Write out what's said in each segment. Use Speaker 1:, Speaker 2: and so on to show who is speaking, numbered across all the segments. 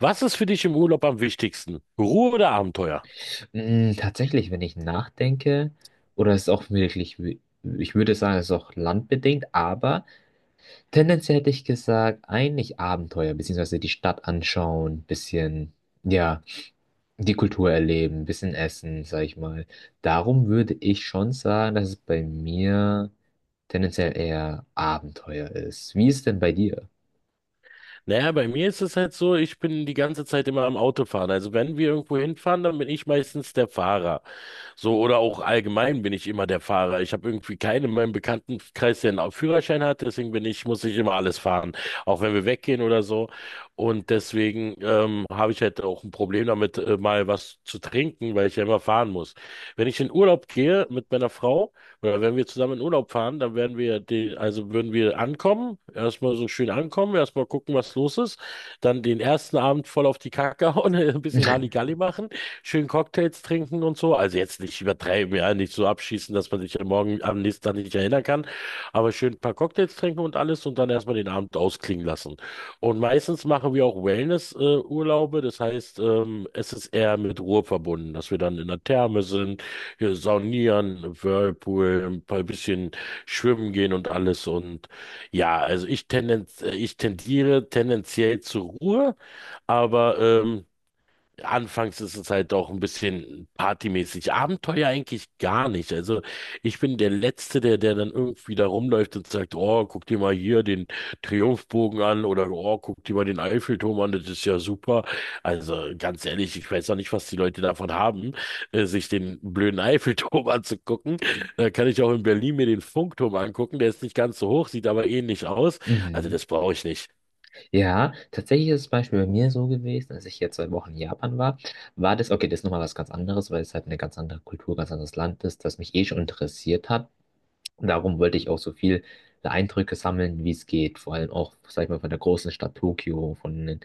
Speaker 1: Was ist für dich im Urlaub am wichtigsten? Ruhe oder Abenteuer?
Speaker 2: Tatsächlich, wenn ich nachdenke, oder es ist auch wirklich, ich würde sagen, es ist auch landbedingt, aber tendenziell hätte ich gesagt, eigentlich Abenteuer, beziehungsweise die Stadt anschauen, bisschen, ja, die Kultur erleben, bisschen essen, sag ich mal. Darum würde ich schon sagen, dass es bei mir tendenziell eher Abenteuer ist. Wie ist denn bei dir?
Speaker 1: Naja, bei mir ist es halt so, ich bin die ganze Zeit immer am Autofahren. Also wenn wir irgendwo hinfahren, dann bin ich meistens der Fahrer. So, oder auch allgemein bin ich immer der Fahrer. Ich habe irgendwie keinen in meinem Bekanntenkreis, der einen Führerschein hat, deswegen muss ich immer alles fahren, auch wenn wir weggehen oder so. Und deswegen habe ich halt auch ein Problem damit, mal was zu trinken, weil ich ja immer fahren muss. Wenn ich in Urlaub gehe mit meiner Frau oder wenn wir zusammen in Urlaub fahren, dann also würden wir ankommen, erstmal so schön ankommen, erstmal gucken, was los ist, dann den ersten Abend voll auf die Kacke hauen, ein bisschen Halligalli machen, schön Cocktails trinken und so. Also jetzt nicht übertreiben, ja, nicht so abschießen, dass man sich am nächsten Tag nicht erinnern kann, aber schön ein paar Cocktails trinken und alles und dann erstmal den Abend ausklingen lassen. Und meistens machen wir auch Wellness-Urlaube, das heißt, es ist eher mit Ruhe verbunden, dass wir dann in der Therme sind, hier saunieren, Whirlpool, ein paar bisschen schwimmen gehen und alles und ja, ich tendiere tendenziell zur Ruhe, aber anfangs ist es halt auch ein bisschen partymäßig. Abenteuer eigentlich gar nicht. Also ich bin der Letzte, der dann irgendwie da rumläuft und sagt, oh, guck dir mal hier den Triumphbogen an oder oh, guck dir mal den Eiffelturm an, das ist ja super. Also ganz ehrlich, ich weiß auch nicht, was die Leute davon haben, sich den blöden Eiffelturm anzugucken. Da kann ich auch in Berlin mir den Funkturm angucken. Der ist nicht ganz so hoch, sieht aber ähnlich aus. Also
Speaker 2: Mhm.
Speaker 1: das brauche ich nicht.
Speaker 2: Ja, tatsächlich ist es Beispiel bei mir so gewesen, als ich jetzt 2 Wochen in Japan war, war das, okay, das ist nochmal was ganz anderes, weil es halt eine ganz andere Kultur, ganz anderes Land ist, das mich eh schon interessiert hat. Und darum wollte ich auch so viele Eindrücke sammeln, wie es geht. Vor allem auch, sag ich mal, von der großen Stadt Tokio, von der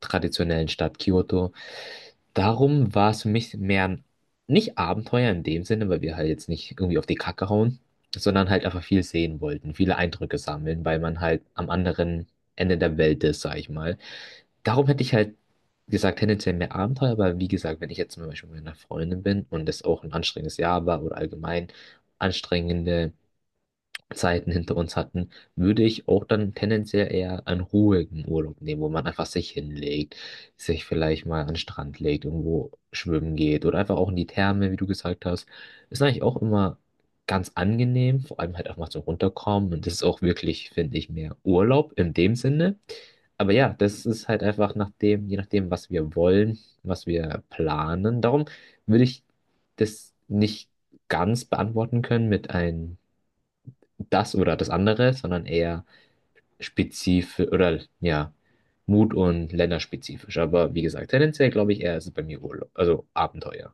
Speaker 2: traditionellen Stadt Kyoto. Darum war es für mich mehr ein, nicht Abenteuer in dem Sinne, weil wir halt jetzt nicht irgendwie auf die Kacke hauen, sondern halt einfach viel sehen wollten, viele Eindrücke sammeln, weil man halt am anderen Ende der Welt ist, sag ich mal. Darum hätte ich halt gesagt, tendenziell mehr Abenteuer, aber wie gesagt, wenn ich jetzt zum Beispiel mit einer Freundin bin und es auch ein anstrengendes Jahr war oder allgemein anstrengende Zeiten hinter uns hatten, würde ich auch dann tendenziell eher einen ruhigen Urlaub nehmen, wo man einfach sich hinlegt, sich vielleicht mal an den Strand legt, irgendwo schwimmen geht oder einfach auch in die Therme, wie du gesagt hast. Ist eigentlich auch immer ganz angenehm, vor allem halt auch mal so runterkommen und das ist auch wirklich, finde ich, mehr Urlaub in dem Sinne. Aber ja, das ist halt einfach nach dem, je nachdem, was wir wollen, was wir planen. Darum würde ich das nicht ganz beantworten können mit einem das oder das andere, sondern eher spezifisch oder ja, Mut und länderspezifisch. Aber wie gesagt, tendenziell glaube ich eher ist es bei mir Urlaub, also Abenteuer.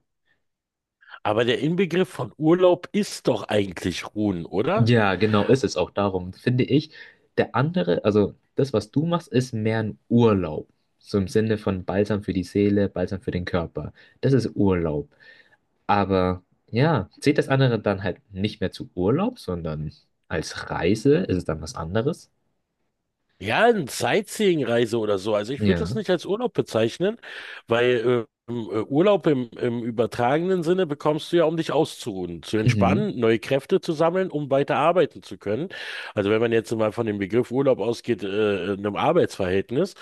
Speaker 1: Aber der Inbegriff von Urlaub ist doch eigentlich Ruhen, oder?
Speaker 2: Ja, genau ist es auch darum, finde ich. Der andere, also das, was du machst, ist mehr ein Urlaub. So im Sinne von Balsam für die Seele, Balsam für den Körper. Das ist Urlaub. Aber ja, zählt das andere dann halt nicht mehr zu Urlaub, sondern als Reise ist es dann was anderes?
Speaker 1: Ja, eine Sightseeing-Reise oder so. Also ich würde das
Speaker 2: Ja.
Speaker 1: nicht als Urlaub bezeichnen, weil Urlaub im übertragenen Sinne bekommst du ja, um dich auszuruhen, zu
Speaker 2: Mhm.
Speaker 1: entspannen, neue Kräfte zu sammeln, um weiter arbeiten zu können. Also wenn man jetzt mal von dem Begriff Urlaub ausgeht, in einem Arbeitsverhältnis.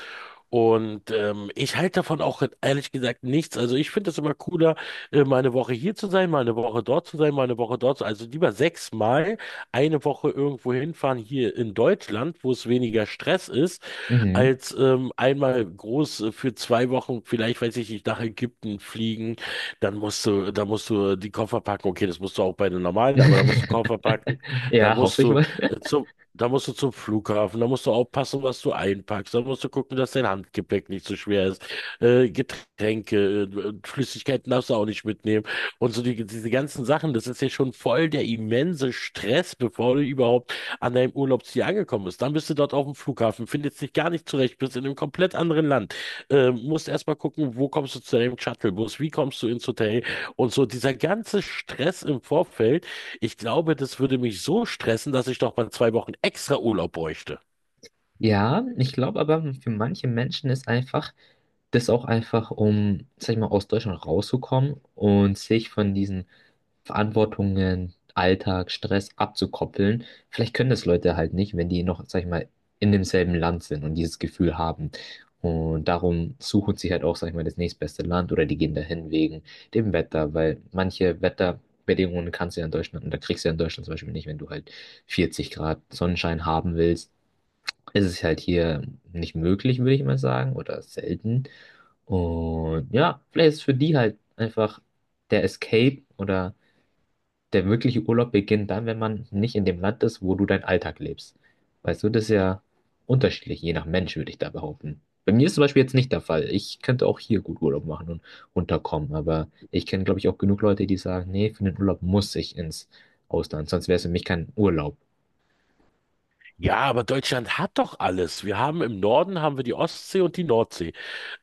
Speaker 1: Und ich halte davon auch ehrlich gesagt nichts. Also ich finde es immer cooler, mal eine Woche hier zu sein, mal eine Woche dort zu sein, mal eine Woche dort zu sein. Also lieber sechsmal eine Woche irgendwo hinfahren hier in Deutschland, wo es weniger Stress ist,
Speaker 2: Mhm.
Speaker 1: als einmal groß für zwei Wochen, vielleicht weiß ich nicht, nach Ägypten fliegen. Dann da musst du die Koffer packen. Okay, das musst du auch bei den normalen, aber da musst du Koffer packen. Da
Speaker 2: Ja,
Speaker 1: musst
Speaker 2: hoffe ich
Speaker 1: du
Speaker 2: mal.
Speaker 1: äh, zum Da musst du zum Flughafen, da musst du aufpassen, was du einpackst, da musst du gucken, dass dein Handgepäck nicht so schwer ist. Getränke, Flüssigkeiten darfst du auch nicht mitnehmen. Und so diese ganzen Sachen, das ist ja schon voll der immense Stress, bevor du überhaupt an deinem Urlaubsziel angekommen bist. Dann bist du dort auf dem Flughafen, findest dich gar nicht zurecht, bist in einem komplett anderen Land. Musst erstmal gucken, wo kommst du zu deinem Shuttlebus, wie kommst du ins Hotel und so. Dieser ganze Stress im Vorfeld, ich glaube, das würde mich so stressen, dass ich doch mal zwei Wochen extra Urlaub bräuchte.
Speaker 2: Ja, ich glaube aber, für manche Menschen ist einfach das auch einfach, um, sag ich mal, aus Deutschland rauszukommen und sich von diesen Verantwortungen, Alltag, Stress abzukoppeln. Vielleicht können das Leute halt nicht, wenn die noch, sag ich mal, in demselben Land sind und dieses Gefühl haben. Und darum suchen sie halt auch, sag ich mal, das nächstbeste Land oder die gehen dahin wegen dem Wetter, weil manche Wetterbedingungen kannst du ja in Deutschland, und da kriegst du ja in Deutschland zum Beispiel nicht, wenn du halt 40 Grad Sonnenschein haben willst ist es halt hier nicht möglich, würde ich mal sagen, oder selten. Und ja, vielleicht ist für die halt einfach der Escape oder der wirkliche Urlaub beginnt dann, wenn man nicht in dem Land ist, wo du deinen Alltag lebst. Weißt du, das ist ja unterschiedlich, je nach Mensch, würde ich da behaupten. Bei mir ist zum Beispiel jetzt nicht der Fall. Ich könnte auch hier gut Urlaub machen und runterkommen, aber ich kenne, glaube ich, auch genug Leute, die sagen, nee, für den Urlaub muss ich ins Ausland, sonst wäre es für mich kein Urlaub.
Speaker 1: Ja, aber Deutschland hat doch alles. Wir haben im Norden haben wir die Ostsee und die Nordsee.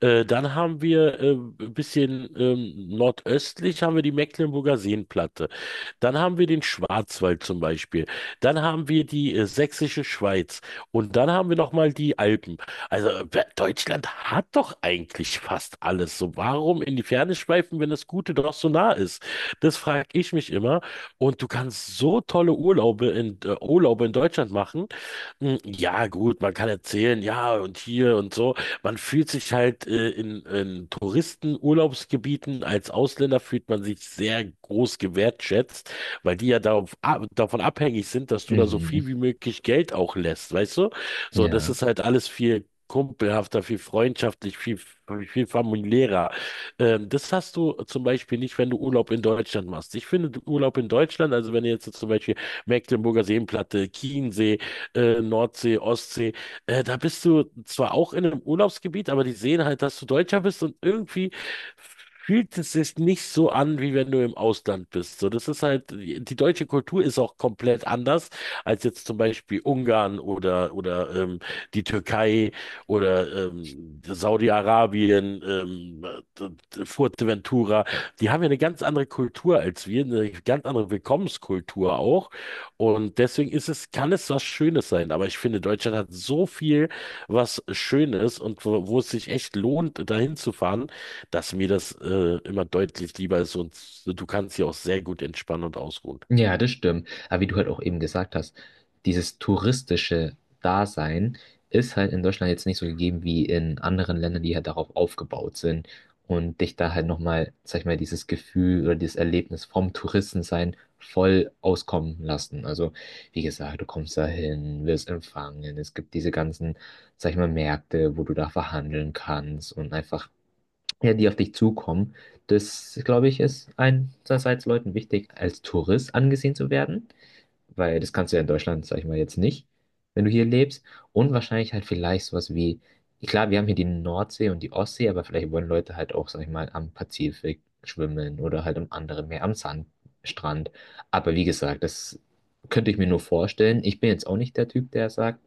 Speaker 1: Dann haben wir ein bisschen nordöstlich haben wir die Mecklenburger Seenplatte. Dann haben wir den Schwarzwald zum Beispiel. Dann haben wir die Sächsische Schweiz. Und dann haben wir noch mal die Alpen. Also Deutschland hat doch eigentlich fast alles. So, warum in die Ferne schweifen, wenn das Gute doch so nah ist? Das frage ich mich immer. Und du kannst so tolle Urlaube in Deutschland machen. Hm, ja, gut, man kann erzählen, ja, und hier und so. Man fühlt sich halt in Touristenurlaubsgebieten als Ausländer fühlt man sich sehr groß gewertschätzt, weil die ja davon abhängig sind, dass du da so viel wie
Speaker 2: Mhm.
Speaker 1: möglich Geld auch lässt, weißt du? So, das
Speaker 2: Ja.
Speaker 1: ist halt alles viel kumpelhafter, viel freundschaftlich, viel familiärer. Das hast du zum Beispiel nicht, wenn du Urlaub in Deutschland machst. Ich finde Urlaub in Deutschland, also wenn du jetzt zum Beispiel Mecklenburger Seenplatte, Chiemsee, Nordsee, Ostsee. Da bist du zwar auch in einem Urlaubsgebiet, aber die sehen halt, dass du Deutscher bist und irgendwie fühlt es sich nicht so an, wie wenn du im Ausland bist. So, das ist halt, die deutsche Kultur ist auch komplett anders als jetzt zum Beispiel Ungarn oder die Türkei oder Saudi-Arabien, d- Fuerteventura. Die haben ja eine ganz andere Kultur als wir, eine ganz andere Willkommenskultur auch. Und deswegen ist es, kann es was Schönes sein. Aber ich finde, Deutschland hat so viel, was Schönes und wo es sich echt lohnt, dahin zu fahren, dass mir das immer deutlich lieber ist. Und du kannst hier auch sehr gut entspannen und ausruhen.
Speaker 2: Ja, das stimmt. Aber wie du halt auch eben gesagt hast, dieses touristische Dasein ist halt in Deutschland jetzt nicht so gegeben wie in anderen Ländern, die halt darauf aufgebaut sind und dich da halt nochmal, sag ich mal, dieses Gefühl oder dieses Erlebnis vom Touristensein voll auskommen lassen. Also, wie gesagt, du kommst da hin, wirst empfangen, es gibt diese ganzen, sag ich mal, Märkte, wo du da verhandeln kannst und einfach ja, die auf dich zukommen. Das, glaube ich, ist einerseits Leuten wichtig, als Tourist angesehen zu werden, weil das kannst du ja in Deutschland, sag ich mal, jetzt nicht, wenn du hier lebst. Und wahrscheinlich halt vielleicht sowas wie, klar, wir haben hier die Nordsee und die Ostsee, aber vielleicht wollen Leute halt auch, sag ich mal, am Pazifik schwimmen oder halt am anderen Meer, am Sandstrand. Aber wie gesagt, das könnte ich mir nur vorstellen. Ich bin jetzt auch nicht der Typ, der sagt,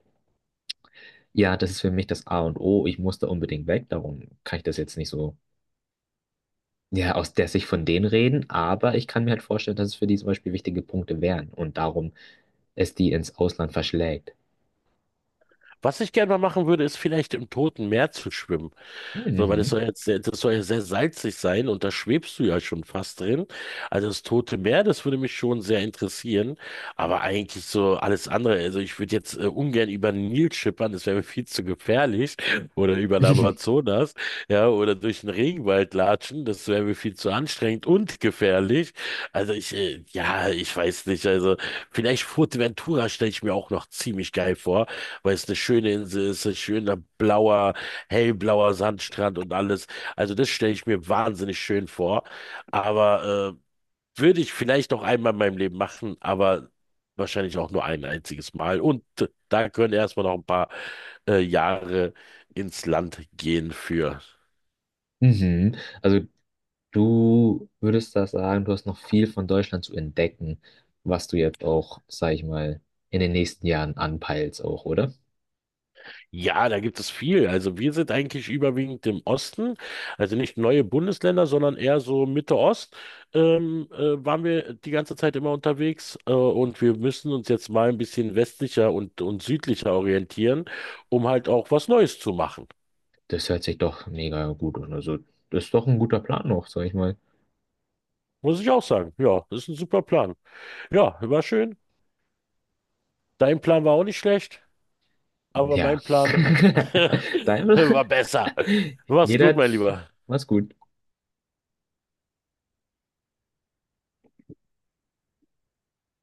Speaker 2: ja, das ist für mich das A und O, ich muss da unbedingt weg, darum kann ich das jetzt nicht so ja, aus der Sicht von denen reden, aber ich kann mir halt vorstellen, dass es für die zum Beispiel wichtige Punkte wären und darum es die ins Ausland verschlägt.
Speaker 1: Was ich gerne mal machen würde, ist vielleicht im Toten Meer zu schwimmen. So, weil
Speaker 2: Hm.
Speaker 1: das soll ja sehr salzig sein und da schwebst du ja schon fast drin. Also das Tote Meer, das würde mich schon sehr interessieren. Aber eigentlich so alles andere. Also ich würde jetzt ungern über den Nil schippern, das wäre mir viel zu gefährlich. Oder über den
Speaker 2: Mhm.
Speaker 1: Amazonas, ja, oder durch den Regenwald latschen, das wäre mir viel zu anstrengend und gefährlich. Ja, ich weiß nicht. Also vielleicht Fuerteventura stelle ich mir auch noch ziemlich geil vor, weil es eine schöne Insel ist, ein schöner blauer hellblauer Sandstrand und alles. Also das stelle ich mir wahnsinnig schön vor. Aber würde ich vielleicht noch einmal in meinem Leben machen, aber wahrscheinlich auch nur ein einziges Mal. Und da können erstmal noch ein paar Jahre ins Land gehen für.
Speaker 2: Mhm. Also du würdest da sagen, du hast noch viel von Deutschland zu entdecken, was du jetzt auch, sag ich mal, in den nächsten Jahren anpeilst auch, oder?
Speaker 1: Ja, da gibt es viel. Also wir sind eigentlich überwiegend im Osten, also nicht neue Bundesländer, sondern eher so Mitte Ost. Waren wir die ganze Zeit immer unterwegs und wir müssen uns jetzt mal ein bisschen westlicher und südlicher orientieren, um halt auch was Neues zu machen.
Speaker 2: Das hört sich doch mega gut an. Also das ist doch ein guter Plan noch, sag ich mal.
Speaker 1: Muss ich auch sagen. Ja, das ist ein super Plan. Ja, war schön. Dein Plan war auch nicht schlecht, aber
Speaker 2: Ja.
Speaker 1: mein Plan
Speaker 2: Daimler,
Speaker 1: war besser. Mach's gut,
Speaker 2: jeder,
Speaker 1: mein Lieber.
Speaker 2: mach's gut.